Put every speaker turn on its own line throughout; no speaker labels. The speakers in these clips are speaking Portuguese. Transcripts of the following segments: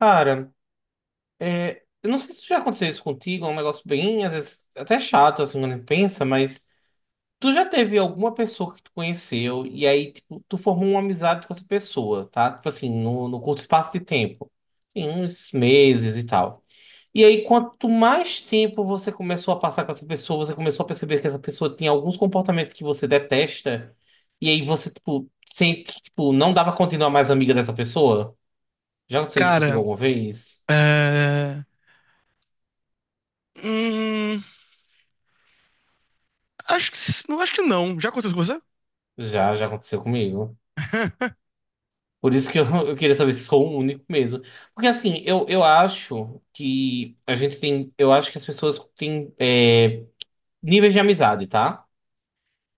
Cara, eu não sei se já aconteceu isso contigo, é um negócio bem, às vezes, até chato, assim, quando a gente pensa, mas tu já teve alguma pessoa que tu conheceu e aí, tipo, tu formou uma amizade com essa pessoa, tá? Tipo assim, no curto espaço de tempo, assim, uns meses e tal. E aí, quanto mais tempo você começou a passar com essa pessoa, você começou a perceber que essa pessoa tinha alguns comportamentos que você detesta, e aí você, tipo, sente que, tipo, não dava continuar mais amiga dessa pessoa? Já aconteceu isso contigo
Cara,
alguma vez?
é... hum, acho que não, acho que não. Já aconteceu com você?
Já aconteceu comigo. Por isso que eu, eu queria saber se sou o único mesmo. Porque assim, eu acho que a gente tem. Eu acho que as pessoas têm níveis de amizade, tá?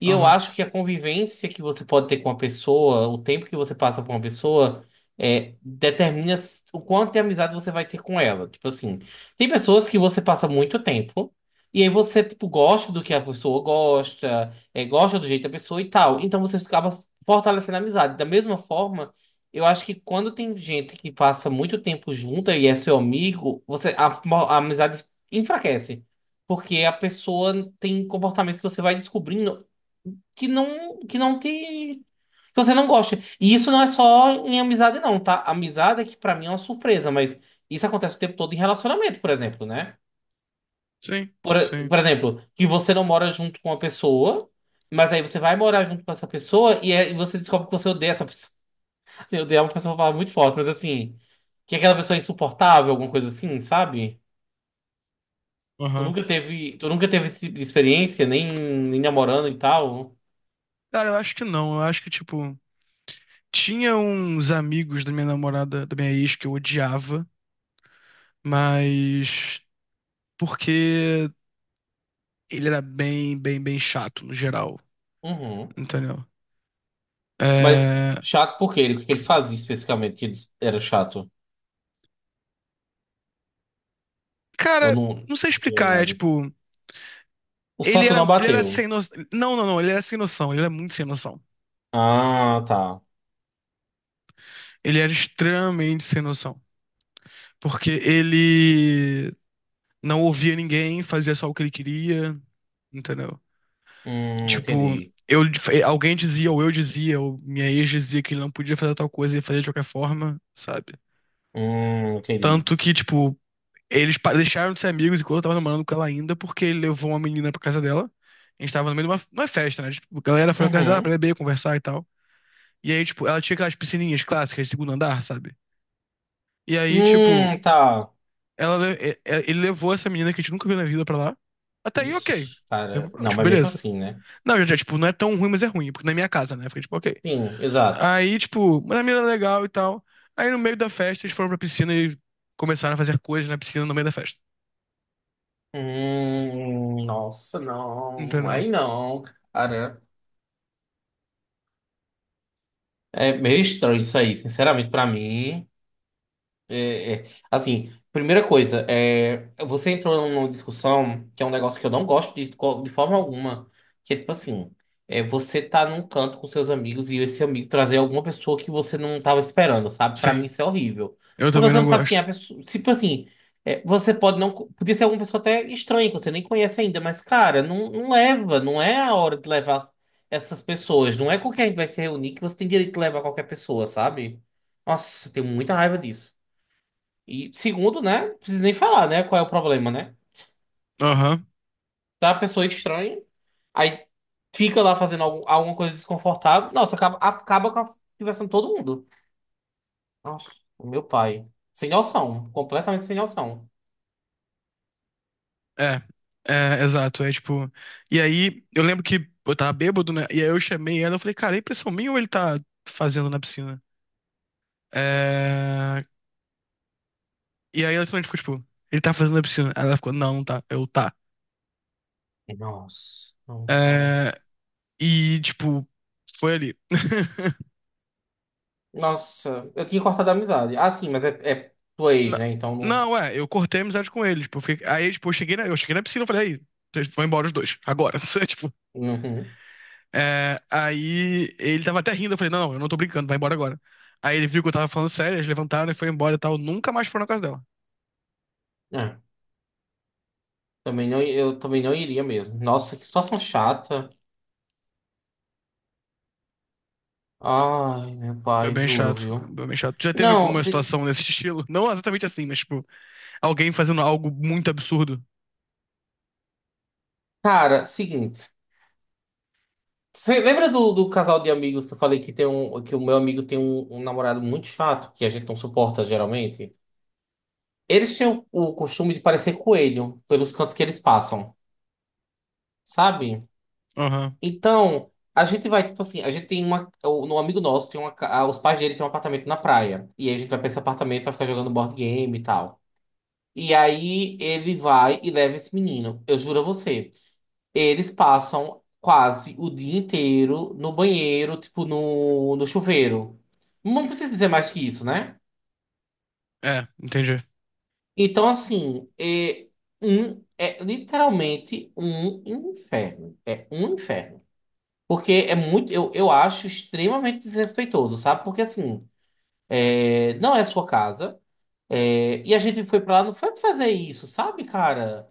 E eu
Aham.
acho que a convivência que você pode ter com uma pessoa, o tempo que você passa com uma pessoa, determina o quanto de amizade você vai ter com ela. Tipo assim, tem pessoas que você passa muito tempo, e aí você, tipo, gosta do que a pessoa gosta, gosta do jeito da pessoa e tal. Então você acaba fortalecendo a amizade. Da mesma forma, eu acho que quando tem gente que passa muito tempo junta e é seu amigo, você, a amizade enfraquece. Porque a pessoa tem comportamentos que você vai descobrindo que você não gosta. E isso não é só em amizade não, tá? Amizade é que pra mim é uma surpresa, mas isso acontece o tempo todo em relacionamento, por exemplo, né?
Sim,
Por,
sim.
por exemplo, que você não mora junto com uma pessoa, mas aí você vai morar junto com essa pessoa e aí você descobre que você odeia essa pessoa. Assim, odeia é uma pessoa falar muito forte, mas assim, que é aquela pessoa é insuportável, alguma coisa assim, sabe? Tu
Aham.
nunca teve, tu nunca teve esse tipo de experiência, nem namorando e tal.
Cara, eu acho que não. Eu acho que, tipo, tinha uns amigos da minha namorada, da minha ex, que eu odiava, mas porque ele era bem, bem, bem chato no geral,
Uhum.
entendeu?
Mas
É...
chato por quê? O que que ele fazia especificamente que ele era chato? Eu
Cara, não sei
não vi
explicar, é
nada.
tipo,
O santo não
ele era
bateu.
sem noção. Não, ele era sem noção, ele era muito sem noção.
Ah, tá.
Ele era extremamente sem noção. Porque ele não ouvia ninguém, fazia só o que ele queria, entendeu? Tipo,
Entendi.
eu, alguém dizia, ou eu dizia, ou minha ex dizia que ele não podia fazer tal coisa e ele fazia de qualquer forma, sabe?
Entendi.
Tanto que, tipo, deixaram de ser amigos enquanto eu tava namorando com ela ainda, porque ele levou uma menina pra casa dela. A gente tava no meio de uma festa, né? Tipo, a galera foi na casa dela pra
Uhum.
beber, conversar e tal. E aí, tipo, ela tinha aquelas piscininhas clássicas de segundo andar, sabe? E aí, tipo,
Tá.
Ela, le- e- ele levou essa menina que a gente nunca viu na vida pra lá. Até aí, ok.
Ixi,
Tem
cara. Não,
Tipo,
mas mesmo
beleza.
assim, né?
Não, já, tipo, não é tão ruim, mas é ruim, porque na minha casa, né? Fiquei, tipo, ok.
Sim, exato.
Aí, tipo, mas a menina é legal e tal. Aí, no meio da festa, eles foram pra piscina e começaram a fazer coisas na piscina no meio da festa.
Nossa, não.
Entendeu?
Aí não, cara. É meio estranho isso aí, sinceramente, pra mim. É, é. Assim, primeira coisa, você entrou numa discussão que é um negócio que eu não gosto de, de forma alguma, que é tipo assim, você tá num canto com seus amigos e esse amigo trazer alguma pessoa que você não tava esperando, sabe? Pra mim
Sim.
isso é horrível.
Eu
Porque
também
você
não
não sabe quem é a
gosto.
pessoa. Tipo assim, você pode não. Podia ser alguma pessoa até estranha, que você nem conhece ainda, mas, cara, não, não leva, não é a hora de levar essas pessoas. Não é com quem a gente vai se reunir que você tem direito de levar qualquer pessoa, sabe? Nossa, eu tenho muita raiva disso. E segundo, né? Não precisa nem falar, né? Qual é o problema, né?
Aham.
Tá uma pessoa estranha, aí fica lá fazendo alguma coisa desconfortável. Nossa, acaba com a diversão de todo mundo. Nossa, o meu pai. Sem noção. Completamente sem noção.
É. É, exato. E aí, eu lembro que eu tava bêbado, né? E aí eu chamei ela, eu falei, cara, é impressão minha ou ele tá fazendo na piscina? É... E aí ela finalmente ficou, tipo, ele tá fazendo a piscina. Aí ela ficou, não, não tá. Eu, tá.
Nossa, não, cara.
É, e, tipo, foi ali.
Nossa, eu tinha cortado a amizade. Ah, sim, mas é tua ex,
Não,
né? Então não.
não, é, eu cortei a amizade com ele. Tipo, eu cheguei na piscina e falei, aí, vocês vão embora os dois, agora. Sabe, Tipo,
Uhum.
é, aí ele tava até rindo, eu falei, não, não, eu não tô brincando, vai embora agora. Aí ele viu que eu tava falando sério, eles levantaram e foi embora e tal. Nunca mais foram na casa dela.
É, também não, eu também não iria mesmo. Nossa, que situação chata. Ai, meu
Foi
pai,
bem
juro,
chato,
viu?
foi bem chato. Já teve
Não,
alguma
de-
situação desse estilo? Não exatamente assim, mas, tipo, alguém fazendo algo muito absurdo.
cara, seguinte. Você lembra do casal de amigos que eu falei que tem um, que o meu amigo tem um, um namorado muito chato, que a gente não suporta geralmente? Eles têm o costume de parecer coelho pelos cantos que eles passam, sabe?
Aham,
Então, a gente vai, tipo assim, a gente tem uma. Um amigo nosso tem uma. Os pais dele têm um apartamento na praia. E aí a gente vai pra esse apartamento pra ficar jogando board game e tal. E aí ele vai e leva esse menino. Eu juro a você. Eles passam quase o dia inteiro no banheiro, tipo no chuveiro. Não precisa dizer mais que isso, né?
É, entendi.
Então, assim, é literalmente um inferno. É um inferno. Porque é muito, eu acho extremamente desrespeitoso, sabe? Porque, assim, não é sua casa. É, e a gente foi pra lá, não foi pra fazer isso, sabe, cara?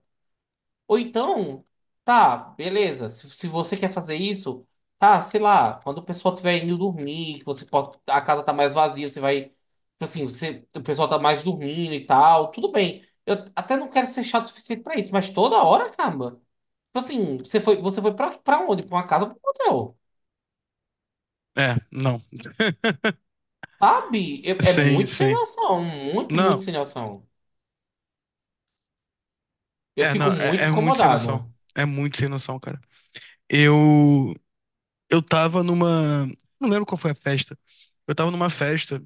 Ou então, tá, beleza. Se você quer fazer isso, tá, sei lá, quando o pessoal tiver indo dormir, que você pode, a casa tá mais vazia, você vai, tipo assim, você, o pessoal tá mais dormindo e tal, tudo bem. Eu até não quero ser chato o suficiente pra isso, mas toda hora, caramba. Tipo assim, você foi pra, pra onde? Pra uma casa, ou pra um hotel.
É, não.
Sabe? É
Sim,
muito sem
sim.
noção, muito
Não,
sem noção. Eu
é, não,
fico
é,
muito
é muito sem noção.
incomodado.
É muito sem noção, cara. Eu, eu tava numa. Não lembro qual foi a festa. Eu tava numa festa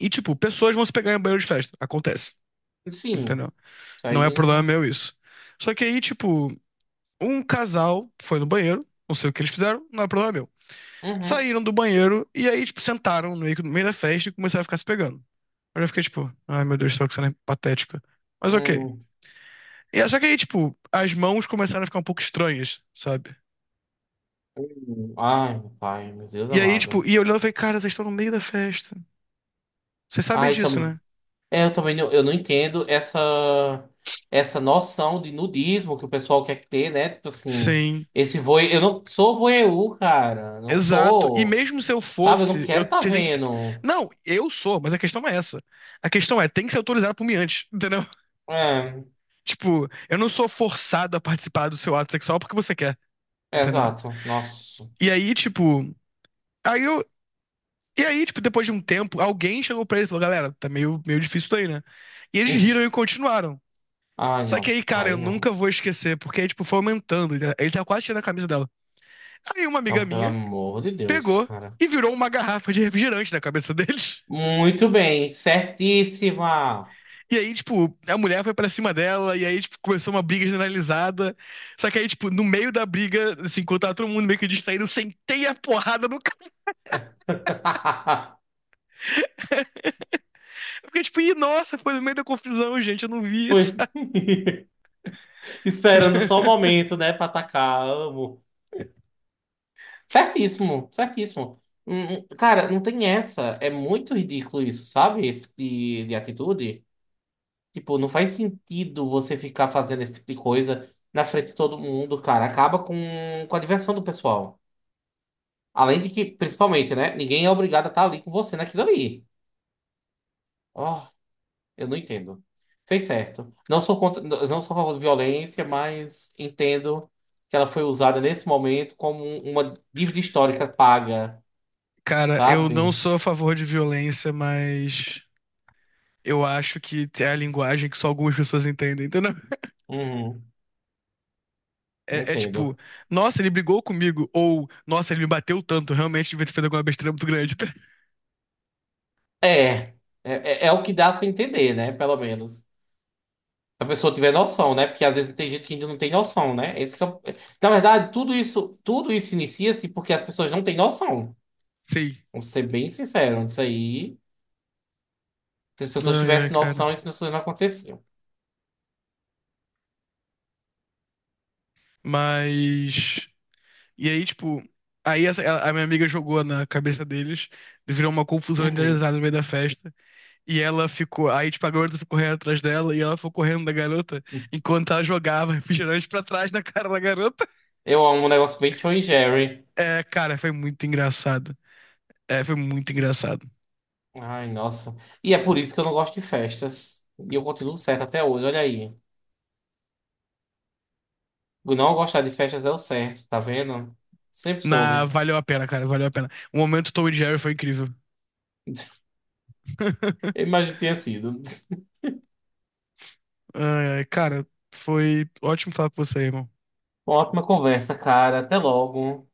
e, tipo, pessoas vão se pegar em banheiro de festa. Acontece,
Sim,
entendeu?
isso
Não é
aí.
problema meu isso. Só que aí, tipo, um casal foi no banheiro, não sei o que eles fizeram, não é problema meu.
Uhum,
Saíram do banheiro e aí, tipo, sentaram no meio da festa e começaram a ficar se pegando. Eu já fiquei, tipo, ai meu Deus do céu, que cena patética. Mas ok.
uhum.
E é só que aí, tipo, as mãos começaram a ficar um pouco estranhas, sabe?
Ai, meu pai, meu Deus
E aí, tipo,
amado.
e olhando, eu falei, cara, vocês estão no meio da festa. Vocês sabem
Ai,
disso,
tam...
né?
eu também não, eu não entendo essa noção de nudismo que o pessoal quer ter, né? Tipo assim,
Sim.
esse voe... eu não sou voyeur, cara, não
Exato. E
sou.
mesmo se eu
Sabe, eu não
fosse, eu
quero tá
vocês têm que. T-
vendo.
Não, eu sou, mas a questão é essa. A questão é, tem que ser autorizado por mim antes, entendeu?
É,
Tipo, eu não sou forçado a participar do seu ato sexual porque você quer,
é
entendeu?
exato. Nossa.
E aí, tipo, aí eu. E aí, tipo, depois de um tempo, alguém chegou pra ele e falou, galera, tá meio, meio difícil isso daí, né? E eles riram e continuaram.
Ai,
Só que
não.
aí, cara, eu
Ai,
nunca
não.
vou esquecer, porque, tipo, foi aumentando. Ele tava quase tirando a camisa dela. Aí uma amiga
Não, pelo
minha
amor de Deus,
pegou
cara.
e virou uma garrafa de refrigerante na cabeça deles.
Muito bem, certíssima.
E aí, tipo, a mulher foi pra cima dela, e aí, tipo, começou uma briga generalizada. Só que aí, tipo, no meio da briga, assim, enquanto tava todo mundo meio que distraído, eu sentei a porrada no cara. Eu fiquei tipo, ih, nossa, foi no meio da confusão, gente, eu não vi
Pois
isso.
esperando só o momento, né, pra atacar. Amo. Certíssimo, certíssimo. Cara, não tem essa. É muito ridículo isso, sabe? Esse tipo de atitude. Tipo, não faz sentido você ficar fazendo esse tipo de coisa na frente de todo mundo, cara. Acaba com a diversão do pessoal. Além de que, principalmente, né? Ninguém é obrigado a estar ali com você naquilo ali. Ó. Eu não entendo. Fez certo. Não sou contra, não sou a favor de violência, mas entendo que ela foi usada nesse momento como uma dívida histórica paga,
Cara, eu não
sabe?
sou a favor de violência, mas eu acho que é a linguagem que só algumas pessoas entendem, entendeu?
Uhum,
É, é tipo,
entendo.
nossa, ele brigou comigo. Ou, nossa, ele me bateu tanto. Realmente devia ter feito alguma besteira muito grande. Tá?
É, é, é é o que dá a se entender, né? Pelo menos. Se a pessoa tiver noção, né? Porque às vezes tem gente que ainda não tem noção, né? Esse que é na verdade, tudo isso inicia-se porque as pessoas não têm noção.
Sim.
Vamos ser bem sinceros isso aí. Se as pessoas
Ai, ai,
tivessem
cara.
noção, isso não aconteciam.
Mas. E aí, tipo. A minha amiga jogou na cabeça deles, virou uma confusão
Uhum.
generalizada no meio da festa. E ela ficou. Aí, tipo, a garota ficou correndo atrás dela e ela foi correndo da garota enquanto ela jogava refrigerante pra trás na cara da garota.
Eu amo um negócio bem Tom e Jerry.
É, cara, foi muito engraçado. É, foi muito engraçado.
Ai, nossa. E é por isso que eu não gosto de festas. E eu continuo certo até hoje, olha aí. Não gostar de festas é o certo, tá vendo? Sempre
Na,
soube.
valeu a pena, cara, valeu a pena. O momento Tom e Jerry foi incrível.
Eu imagino que tenha sido.
Ai, ai, cara, foi ótimo falar com você, irmão.
Uma ótima conversa, cara. Até logo.